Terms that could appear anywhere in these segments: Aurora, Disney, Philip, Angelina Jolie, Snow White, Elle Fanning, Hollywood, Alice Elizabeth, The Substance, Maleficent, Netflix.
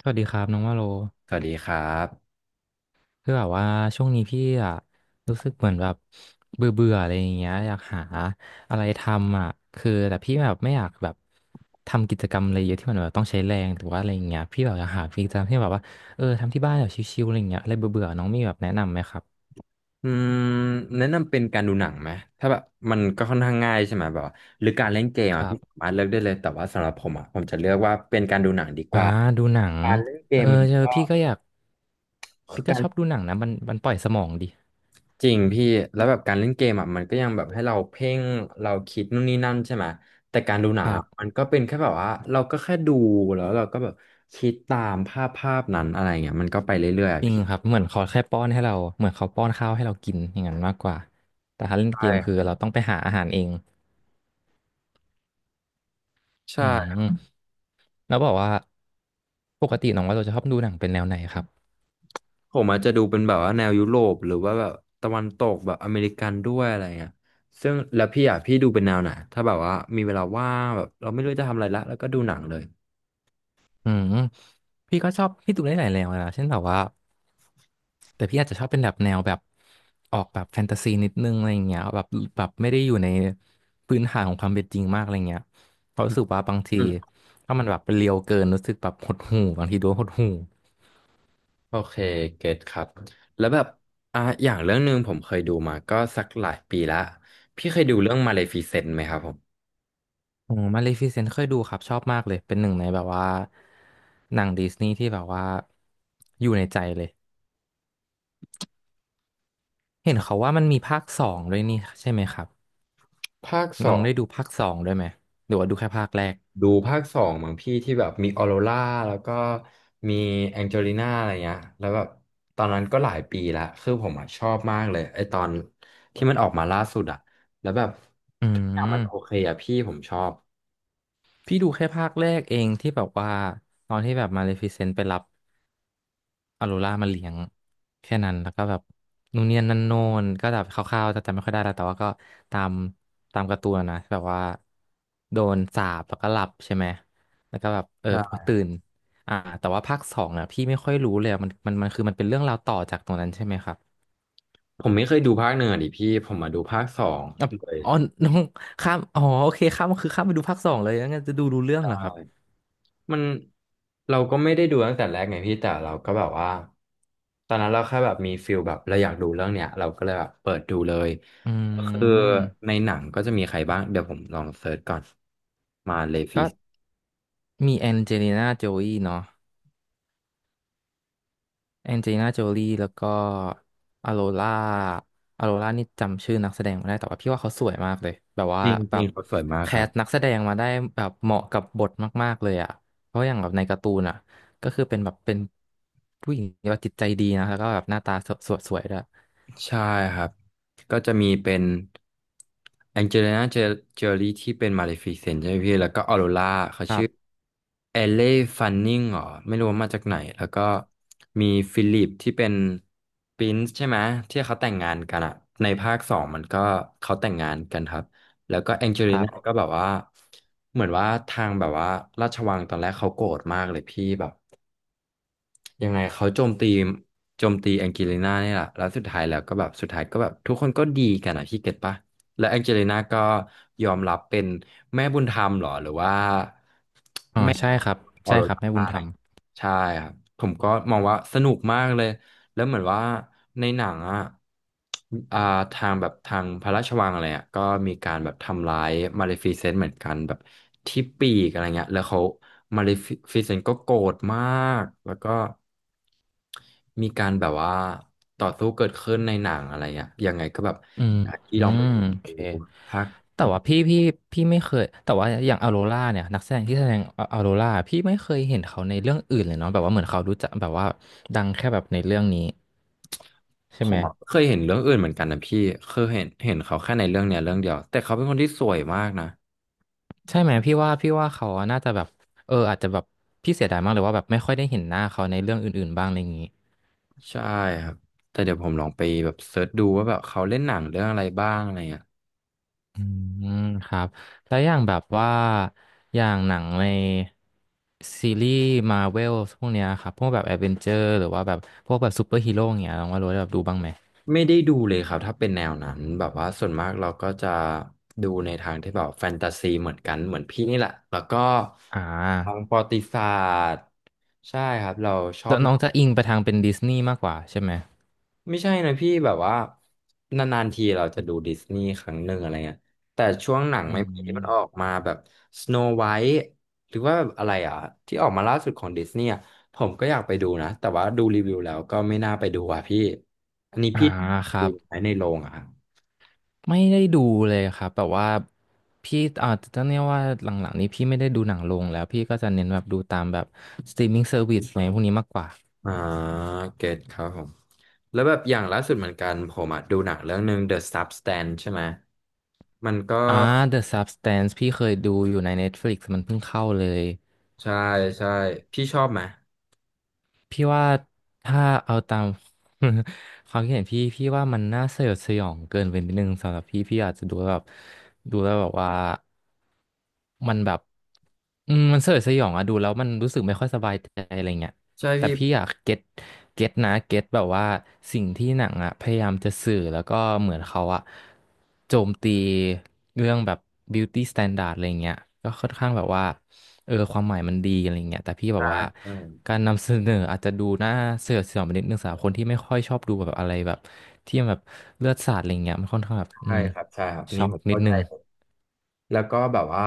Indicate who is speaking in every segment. Speaker 1: สวัสดีครับน้องว่าโล
Speaker 2: สวัสดีครับ
Speaker 1: คือแบบว่าช่วงนี้พี่อะรู้สึกเหมือนแบบเบื่อเบื่ออะไรอย่างเงี้ยอยากหาอะไรทำอ่ะคือแต่พี่แบบไม่อยากแบบทำกิจกรรมอะไรเยอะที่มันแบบต้องใช้แรงหรือว่าอะไรอย่างเงี้ยพี่แบบอยากหากิจกรรมที่แบบว่าทำที่บ้านแบบชิลๆอะไรอย่างเงี้ยอะไรเบื่อเบื่อน้องมีแบบแนะนำไหมครับ
Speaker 2: อืมแนะนำเป็นการดูหนังไหมถ้าแบบมันก็ค่อนข้างง่ายใช่ไหมแบบว่าหรือการเล่นเกม
Speaker 1: ค
Speaker 2: อ่ะ
Speaker 1: รั
Speaker 2: พี่สา
Speaker 1: บ
Speaker 2: มารถเลือกได้เลยแต่ว่าสำหรับผมอ่ะผมจะเลือกว่าเป็นการดูหนังดีก
Speaker 1: อ่า
Speaker 2: ว่า
Speaker 1: ดูหนัง
Speaker 2: การเล่นเก
Speaker 1: เออ
Speaker 2: มมัน
Speaker 1: เจอ
Speaker 2: ก็
Speaker 1: พี่ก็อยาก
Speaker 2: คื
Speaker 1: พี่
Speaker 2: อ
Speaker 1: ก็
Speaker 2: การ
Speaker 1: ชอบดูหนังนะมันปล่อยสมองดี
Speaker 2: จริงพี่แล้วแบบการเล่นเกมอ่ะมันก็ยังแบบให้เราเพ่งเราคิดนู่นนี่นั่นใช่ไหมแต่การดูหนั
Speaker 1: ค
Speaker 2: ง
Speaker 1: รั
Speaker 2: อะมั
Speaker 1: บ
Speaker 2: นก็เป็นแค่แบบว่าเราก็แค่ดูแล้วเราก็แบบคิดตามภาพภาพนั้นอะไรเงี้ยมันก็ไปเรื่อยๆอะ
Speaker 1: จริง
Speaker 2: พี่
Speaker 1: ครับเหมือนเขาแค่ป้อนให้เราเหมือนเขาป้อนข้าวให้เรากินอย่างนั้นมากกว่าแต่ถ้าเล่น
Speaker 2: ใช่
Speaker 1: เกม
Speaker 2: ค
Speaker 1: คือเราต้องไปหาอาหารเองอื
Speaker 2: รับ
Speaker 1: มแล้วบอกว่าปกติน้องว่าเราจะชอบดูหนังเป็นแนวไหนครับ
Speaker 2: ผมอาจจะดูเป็นแบบว่าแนวยุโรปหรือว่าแบบตะวันตกแบบอเมริกันด้วยอะไรเงี้ยซึ่งแล้วพี่อ่ะพี่ดูเป็นแนวไหนถ้าแบบว่ามีเวลาว่างแบบเราไม่รู้จะทำอะไรละแล้วก็ดูหนังเลย
Speaker 1: อืมพี่ก็ชอบพี่ดูได้หลายแนวเลยนะเช่นแบบว่าแต่พี่อาจจะชอบเป็นแบบแนวแบบออกแบบแฟนตาซีนิดนึงอะไรอย่างเงี้ยแบบแบบไม่ได้อยู่ในพื้นฐานของความเป็นจริงมากอะไรเงี้ยเพราะ
Speaker 2: อื
Speaker 1: รู้
Speaker 2: ม
Speaker 1: สึกว่าบางที
Speaker 2: อืม
Speaker 1: ถ้ามันแบบเรียวเกินรู้สึกแบบหดหู่บางทีดูแล้วหดหู่
Speaker 2: โอเคเก็ตครับ แล้วแบบอย่างเรื่องหนึ่งผมเคยดูมาก็สักหลายปีละพี่เคยดูเรื่องมาเลฟิเซนต์ไหมครับผม
Speaker 1: โอ้มาเลฟิเซนต์เคยดูครับชอบมากเลยเป็นหนึ่งในแบบว่าหนังดิสนีย์ที่แบบว่าอยู่ในใจเลยเห็นเขาว่ามันมีภาคสองด้วยนี่ใช่ไหมครับ
Speaker 2: ภาคส
Speaker 1: น้อ
Speaker 2: อ
Speaker 1: ง
Speaker 2: ง
Speaker 1: ได้ดูภาคสองด้วยไหมหรือว่าดูแค่ภาคแรก
Speaker 2: ดูภาคสองมั้งพี่ที่แบบมีออโรราแล้วก็มีแองเจลิน่าอะไรเงี้ยแล้วแบบตอนนั้นก็หลายปีละคือผมอะชอบมากเลยไอตอนที่มันออกมาล่าสุดอะแล้วแบบ
Speaker 1: อื
Speaker 2: ทุกอย่างมันโอ
Speaker 1: ม
Speaker 2: เคอะพี่ผมชอบ
Speaker 1: พี่ดูแค่ภาคแรกเองที่แบบว่าตอนที่แบบมาเลฟิเซนต์ไปรับ ออโรรามาเลี้ยงแค่นั้นแล้วก็แบบนู่นเนี่ยนั่นโน่นก็แบบคร่าวๆแต่จำไม่ค่อยได้แล้วแต่ว่าก็ตามตามการ์ตูนนะแบบว่าโดนสาปแล้วก็หลับใช่ไหมแล้วก็แบบ
Speaker 2: ใช่
Speaker 1: ตื่นอ่าแต่ว่าภาคสองเนี่ยพี่ไม่ค่อยรู้เลยอะมันคือมันเป็นเรื่องราวต่อจากตรงนั้นใช่ไหมครับ
Speaker 2: ผมไม่เคยดูภาคหนึ่งอะดิพี่ผมมาดูภาคสอง
Speaker 1: อ่ะ
Speaker 2: เลย
Speaker 1: อ๋อน้องข้ามอ๋อโอเคข้ามคือข้ามไปดูภาคสองเลยงั้นจะดูรู้เรื่อง
Speaker 2: ใช่
Speaker 1: เหรอครับ
Speaker 2: มันเราก็ไม่ได้ดูตั้งแต่แรกไงพี่แต่เราก็แบบว่าตอนนั้นเราแค่แบบมีฟิลแบบเราอยากดูเรื่องเนี้ยเราก็เลยแบบเปิดดูเลย
Speaker 1: อื
Speaker 2: ก็คือ
Speaker 1: ม
Speaker 2: ในหนังก็จะมีใครบ้างเดี๋ยวผมลองเซิร์ชก่อนมาเลฟิ
Speaker 1: ก็
Speaker 2: ส
Speaker 1: มีแองเจลิน่าโจลีเนาะ แองเจลิน่าโจลี่แล้วก็อโรล่าอโรล่านี่จำชื่อนักแสดงไม่ได้ แต่ว่าพี่ว่าเขาสวยมากเลย แบบว่า
Speaker 2: จร
Speaker 1: แบ
Speaker 2: ิ
Speaker 1: บ
Speaker 2: งๆเขาสวยมาก
Speaker 1: แค
Speaker 2: ครับ
Speaker 1: สนักแสดงมาได้แบบเหมาะกับบทมากๆเลยอ่ะ เพราะอย่างแบบในการ์ตูนอ่ะ ก็คือเป็นผู้หญิงที่ว่าจิตใจดีนะแล้วก็แบบหน้าตาสวยสวยด้วย
Speaker 2: ใช่ครับก็จะมีเป็นแองเจลิน่าเจอรี่ที่เป็นมาเลฟิเซนใช่ไหมพี่แล้วก็ออโรราเขา
Speaker 1: ครั
Speaker 2: ชื่อ
Speaker 1: บ
Speaker 2: เอเล่ฟันนิงเหรอไม่รู้ว่ามาจากไหนแล้วก็มีฟิลิปที่เป็นปรินซ์ใช่ไหมที่เขาแต่งงานกันอะในภาคสองมันก็เขาแต่งงานกันครับแล้วก็แองเจ
Speaker 1: ค
Speaker 2: ลิ
Speaker 1: รั
Speaker 2: น่าก็
Speaker 1: บ
Speaker 2: แบบว่าเหมือนว่าทางแบบว่าราชวังตอนแรกเขาโกรธมากเลยพี่แบบ ยังไงเขาโจมตีแองเจลิน่าเนี่ยแหละแล้วสุดท้ายแล้วก็แบบสุดท้ายก็แบบทุกคนก็ดีกันอ่ะพี่เก็ตปะและแองเจลิน่าก็ยอมรับเป็นแม่บุญธรรมเหรอหรือว่า
Speaker 1: อ๋อใช่ครับ
Speaker 2: ออ
Speaker 1: ใช่
Speaker 2: โร
Speaker 1: ครับ
Speaker 2: ร
Speaker 1: แม่บุ
Speaker 2: า
Speaker 1: ญ
Speaker 2: อะ
Speaker 1: ธ
Speaker 2: ไร
Speaker 1: ร
Speaker 2: อ
Speaker 1: ร
Speaker 2: ย่า
Speaker 1: ม
Speaker 2: งเงี้ยใช่ครับผมก็มองว่าสนุกมากเลยแล้วเหมือนว่าในหนังอ่ะอ่าทางแบบทางพระราชวังอะไรอ่ะก็มีการแบบทำร้ายมาเลฟิเซนต์เหมือนกันแบบที่ปีกอะไรเงี้ยแล้วเขามาเลฟิเซนต์ก็โกรธมากแล้วก็มีการแบบว่าต่อสู้เกิดขึ้นในหนังอะไรเงี้ยยังไงก็แบบ
Speaker 1: อืม
Speaker 2: ที่
Speaker 1: อื
Speaker 2: ลองไป
Speaker 1: มโอเค
Speaker 2: ดูภาค
Speaker 1: แต่ว่าพี่ไม่เคยแต่ว่าอย่างออโรราเนี่ยนักแสดงที่แสดงออโรราพี่ไม่เคยเห็นเขาในเรื่องอื่นเลยเนาะแบบว่าเหมือนเขารู้จักแบบว่าดังแค่แบบในเรื่องนี้ใช่
Speaker 2: ผ
Speaker 1: ไหม
Speaker 2: มอะเคยเห็นเรื่องอื่นเหมือนกันนะพี่เคยเห็นเขาแค่ในเรื่องเนี้ยเรื่องเดียวแต่เขาเป็นคนที่สวยมากนะ
Speaker 1: ใช่ไหมพี่ว่าเขาน่าจะแบบอาจจะแบบพี่เสียดายมากเลยว่าแบบไม่ค่อยได้เห็นหน้าเขาในเรื่องอื่นๆบ้างอะไรอย่างนี้
Speaker 2: ใช่ครับแต่เดี๋ยวผมลองไปแบบเซิร์ชดูว่าแบบเขาเล่นหนังเรื่องอะไรบ้างอะไรเงี้ย
Speaker 1: อืมครับแล้วอย่างแบบว่าอย่างหนังในซีรีส์มาเวลพวกเนี้ยครับพวกแบบแอดเวนเจอร์หรือว่าแบบพวกแบบซูเปอร์ฮีโร่ยเงี้ยน้องว่ารู้ได้แบบดูบ้างไหม
Speaker 2: ไม่ได้ดูเลยครับถ้าเป็นแนวนั้นแบบว่าส่วนมากเราก็จะดูในทางที่แบบแฟนตาซีเหมือนกันเหมือนพี่นี่แหละแล้วก็
Speaker 1: อ่
Speaker 2: ทาง
Speaker 1: า
Speaker 2: ประวัติศาสตร์ใช่ครับเราชอ
Speaker 1: แล้
Speaker 2: บ
Speaker 1: วน้องจะอิงไปทางเป็นดิสนีย์มากกว่าใช่ไหม
Speaker 2: ไม่ใช่นะพี่แบบว่านานๆทีเราจะดูดิสนีย์ครั้งหนึ่งอะไรเงี้ยแต่ช่วงหนัง
Speaker 1: อื
Speaker 2: ใหม่ๆที่มันออ
Speaker 1: ม
Speaker 2: กมาแบบสโนไวท์หรือว่าแบบอะไรอ่ะที่ออกมาล่าสุดของดิสนีย์อะผมก็อยากไปดูนะแต่ว่าดูรีวิวแล้วก็ไม่น่าไปดูอ่ะพี่อันนี้
Speaker 1: อ่า
Speaker 2: พี่
Speaker 1: ครั
Speaker 2: ดู
Speaker 1: บ
Speaker 2: ไหมในโรงอ่ะครับ
Speaker 1: ไม่ได้ดูเลยครับแบบว่าพี่ต้องเรียกว่าหลังๆนี้พี่ไม่ได้ดูหนังลงแล้วพี่ก็จะเน้นแบบดูตามแบบสตรีมมิ่งเซอร์วิสอะไรพวกนี้มากกว่า
Speaker 2: อ่าเก็ตครับผมแล้วแบบอย่างล่าสุดเหมือนกันผมอ่ะดูหนังเรื่องหนึ่ง The Substance ใช่ไหมมันก็
Speaker 1: อ่า The Substance พี่เคยดูอยู่ใน Netflix มันเพิ่งเข้าเลย
Speaker 2: ใช่ใช่พี่ชอบไหม
Speaker 1: พี่ว่าถ้าเอาตาม ความคิดเห็นพี่พี่ว่ามันน่าสยดสยองเกินไปนิดนึงสำหรับพี่พี่อาจจะดูแล้วแบบดูแล้วแบบว่ามันแบบมันสยดสยองอะดูแล้วมันรู้สึกไม่ค่อยสบายใจอะไรเงี้ย
Speaker 2: ใช่
Speaker 1: แต่
Speaker 2: พี่
Speaker 1: พี่อะเก็ตแบบว่าสิ่งที่หนังอะพยายามจะสื่อแล้วก็เหมือนเขาอะโจมตีเรื่องแบบ beauty standard อะไรเงี้ยก็ค่อนข้างแบบว่าความหมายมันดีอะไรเงี้ยแต่พี่แบบว่าการนำเสนออาจจะดูน่าเสียดสีไปนิดนึงสำหรับคนที่ไม่ค่อยชอบดูแบบอะไรแบบที่มันแบบเลือดสาดอะไรเงี้ยมันค่อนข้างแบบอื
Speaker 2: ใช่
Speaker 1: ม
Speaker 2: ครับใช่ครับอัน
Speaker 1: ช็
Speaker 2: นี้
Speaker 1: อก
Speaker 2: ผม
Speaker 1: นิด
Speaker 2: เข้าใจ
Speaker 1: นึง
Speaker 2: เลยแล้วก็แบบว่า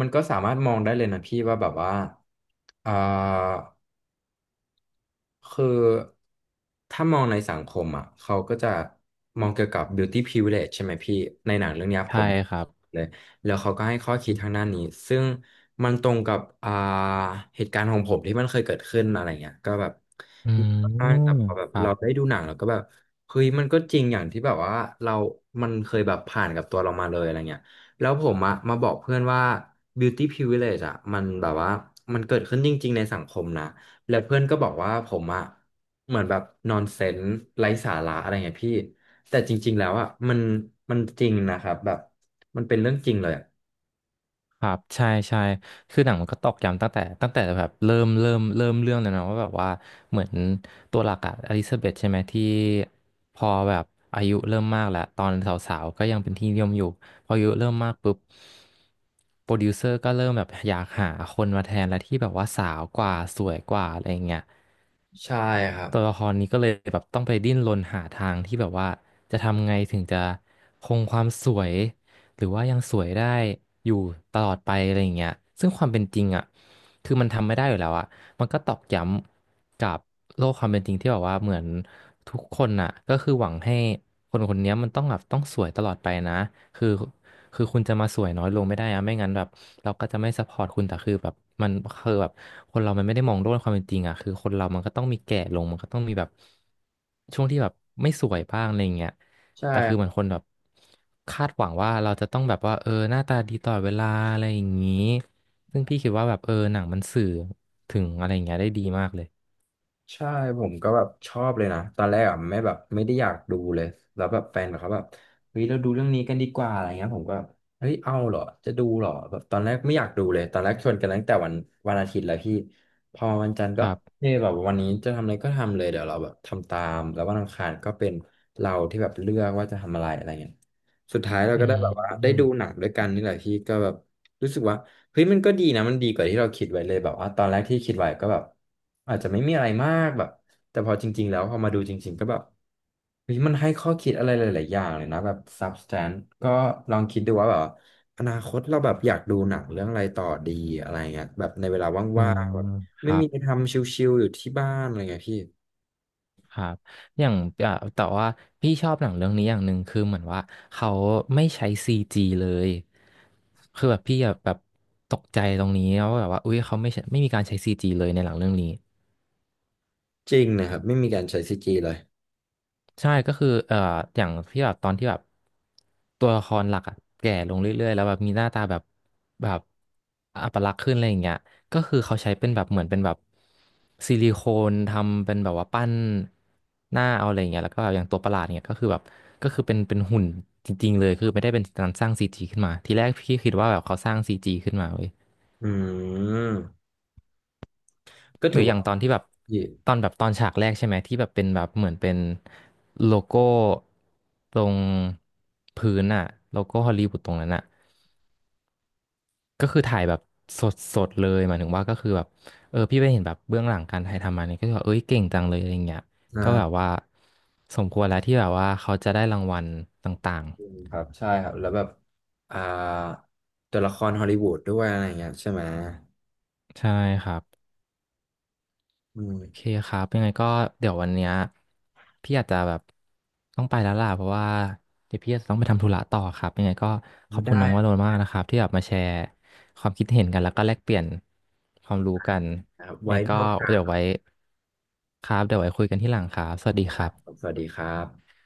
Speaker 2: มันก็สามารถมองได้เลยนะพี่ว่าแบบว่าเอ่อ คือถ้ามองในสังคมอ่ะเขาก็จะมองเกี่ยวกับ beauty privilege ใช่ไหมพี่ในหนังเรื่องเนี้ยผ
Speaker 1: ใช่
Speaker 2: ม
Speaker 1: ครับ
Speaker 2: เลยแล้วเขาก็ให้ข้อคิดทางด้านนี้ซึ่งมันตรงกับเหตุการณ์ของผมที่มันเคยเกิดขึ้นอะไรเงี้ยก็แบบ
Speaker 1: อื
Speaker 2: มีบ้าง
Speaker 1: ม
Speaker 2: แต่พอแบบ
Speaker 1: ครั
Speaker 2: เราได้
Speaker 1: บ
Speaker 2: ดูหนังเราก็แบบเฮ้ยมันก็จริงอย่างที่แบบว่าเรามันเคยแบบผ่านกับตัวเรามาเลยอะไรเงี้ยแล้วผมอะมาบอกเพื่อนว่า beauty privilege อะมันแบบว่ามันเกิดขึ้นจริงๆในสังคมนะ แล้วเพื่อนก็บอกว่าผมอะเหมือนแบบนอนเซนส์ไร้สาระอะไรเงี้ยพี่แต่จริงๆแล้วอะมันจริงนะครับแบบมันเป็นเรื่องจริงเลยอะ
Speaker 1: ครับใช่ใช่คือหนังมันก็ตอกย้ำตั้งแต่แบบเริ่มเรื่องเลยนะว่าแบบว่าเหมือนตัวหลักอะอลิซาเบธใช่ไหมที่พอแบบอายุเริ่มมากแล้วตอนสาวๆก็ยังเป็นที่นิยมอยู่พออายุเริ่มมากปุ๊บโปรดิวเซอร์ก็เริ่มแบบอยากหาคนมาแทนและที่แบบว่าสาวกว่าสวยกว่าอะไรอย่างเงี้ย
Speaker 2: ใช่ครับ
Speaker 1: ตัวละครนี้ก็เลยแบบต้องไปดิ้นรนหาทางที่แบบว่าจะทำไงถึงจะคงความสวยหรือว่ายังสวยได้อยู่ตลอดไปอะไรอย่างเงี้ยซึ่งความเป็นจริงอ่ะคือมันทำไม่ได้อยู่แล้วอ่ะมันก็ตอกย้ำกับโลกความเป็นจริงที่แบบว่าเหมือนทุกคนอ่ะก็คือหวังให้คนคนเนี้ยมันต้องแบบต้องสวยตลอดไปนะคือ คือคุณจะมาสวยน้อยลงไม่ได้อะไม่งั้นแบบเราก็จะไม่ซัพพอร์ตคุณแต่คือแบบมันคือแบบคนเรามันไม่ได้มองโลกความเป็นจริงอะคือคนเรามันก็ต้องมีแก่ลงมันก็ต้องมีแบบช่วงที่แบบไม่สวยบ้างอะไรเงี้ย
Speaker 2: ใช่
Speaker 1: แต่คือเหมือนคนแบบคาดหวังว่าเราจะต้องแบบว่าเออหน้าตาดีตลอดเวลาอะไรอย่างนี้ซึ่งพี่คิดว่าแบบเออหนังมันสื่อถึงอะไรอย่างเงี้ยได้ดีมากเลย
Speaker 2: ใช่ผมก็แบบชอบเลยนะตอนแรกอ่ะไม่แบบไม่ได้อยากดูเลยแล้วแบบแฟนแบบเขาแบบเฮ้ยเราดูเรื่องนี้กันดีกว่าอะไรเงี้ยผมก็เฮ้ยเอาเหรอจะดูเหรอแบบตอนแรกไม่อยากดูเลยตอนแรกชวนกันตั้งแต่วันอาทิตย์แล้วพี่พอวันจันทร์
Speaker 1: ค
Speaker 2: ก็
Speaker 1: รับ
Speaker 2: เอยแบบวันนี้จะทำอะไรก็ทำเลยเดี๋ยวเราแบบทำตามแล้ววันอังคารก็เป็นเราที่แบบเลือกว่าจะทำอะไรอะไรเงี้ยสุดท้ายเรา
Speaker 1: อื
Speaker 2: ก็ได้แบบว่าได้ดู
Speaker 1: ม
Speaker 2: หนังด้วยกันนี่แหละพี่ก็แบบ รู้สึกว่าเฮ้ยมันก็ดีนะมันดีกว่าที่เราคิดไว้เลยแบบว่าตอนแรกที่คิดไว้ก็แบบอาจจะไม่มีอะไรมากแบบแต่พอจริงๆแล้วพอมาดูจริงๆก็แบบเฮ้ยมันให้ข้อคิดอะไรหลายๆอย่างเลยนะแบบ substance ก็ลองคิดดูว่าแบบอนาคตเราแบบอยากดูหนังเรื่องอะไรต่อดีอะไรเงี้ยแบบในเวลา
Speaker 1: อื
Speaker 2: ว่าง
Speaker 1: ม
Speaker 2: ๆแบบ
Speaker 1: ค
Speaker 2: ไม่
Speaker 1: รั
Speaker 2: มี
Speaker 1: บ
Speaker 2: อะไรทำชิลๆอยู่ที่บ้านอะไรเงี้ยพี่
Speaker 1: ครับอย่างอ่ะแต่ว่าพี่ชอบหนังเรื่องนี้อย่างหนึ่งคือเหมือนว่าเขาไม่ใช้ซีจีเลย คือแบบพี่อะแบบตกใจตรงนี้ว่าแบบว่าอุ๊ยเขาไม่ใช้ไม่มีการใช้ซีจีเลยในหนังเรื่องนี้
Speaker 2: จริงนะครับไม่มีการใช้ซีจีเลย
Speaker 1: ใช่ก็คืออย่างที่แบบตอนที่แบบตัวละครหลักอะแก่ลงเรื่อยๆแล้วแบบมีหน้าตาแบบแบบอัปลักษณ์ขึ้นอะไรอย่างเงี้ยก็คือเขาใช้เป็นแบบเหมือนเป็นแบบซิลิโคนทำเป็นแบบว่าปั้นหน้าเอาอะไรอย่างเงี้ยแล้วก็แบบอย่างตัวประหลาดเนี่ยก็คือแบบก็คือเป็นหุ่นจริงๆเลยคือไม่ได้เป็นการสร้างซีจีขึ้นมาทีแรกพี่คิดว่าแบบเขาสร้างซีจีขึ้นมาเว้ย
Speaker 2: อืมก็
Speaker 1: หรื
Speaker 2: ถือ
Speaker 1: ออ
Speaker 2: ว่า
Speaker 1: ย่างตอนที่แบบ
Speaker 2: ดี
Speaker 1: ตอนฉากแรกใช่ไหมที่แบบเป็นแบบเหมือนเป็นโลโก้ตรงพื้นอะโลโก้ฮอลลีวูดตรงนั้นอะก็คือถ่ายแบบสดสดเลยหมายถึงว่าก็คือแบบเออพี่ไปเห็นแบบเบื้องหลังการถ่ายทำมาเนี่ยก็คือแบบเอ้ยเก่งจังเลยอะไรเงี้ย
Speaker 2: ใช่
Speaker 1: ก็แบบว่าสมควรแล้วที่แบบว่าเขาจะได้รางวัลต่าง
Speaker 2: อืมครับใช่ครับแล้วแบบอ่าตัวละครฮอลลีวูดด้วยอะไรเงี้ยใช่ไหม
Speaker 1: ๆใช่ครับ
Speaker 2: อืม
Speaker 1: โอเคครับยังไงก็เดี๋ยววันเนี้ยพี่อาจจะแบบต้องไปแล้วล่ะเพราะว่าเดี๋ยวพี่อาจจะต้องไปทำธุระต่อครับยังไงก็ขอ
Speaker 2: ไม่
Speaker 1: บคุณ
Speaker 2: ได้
Speaker 1: น้องวโรจน์มากนะครับที่แบบมาแชร์ความคิดเห็นกันแล้วก็แลกเปลี่ยนความรู้กัน
Speaker 2: นะครับ
Speaker 1: ยังไง
Speaker 2: ไว้
Speaker 1: ก็
Speaker 2: มีโอกาส
Speaker 1: เดี๋ยวไว้ครับเดี๋ยวไว้คุยกันที่หลังครับสวัสดีค
Speaker 2: ครั
Speaker 1: รั
Speaker 2: บ
Speaker 1: บ
Speaker 2: สวัสดีครับ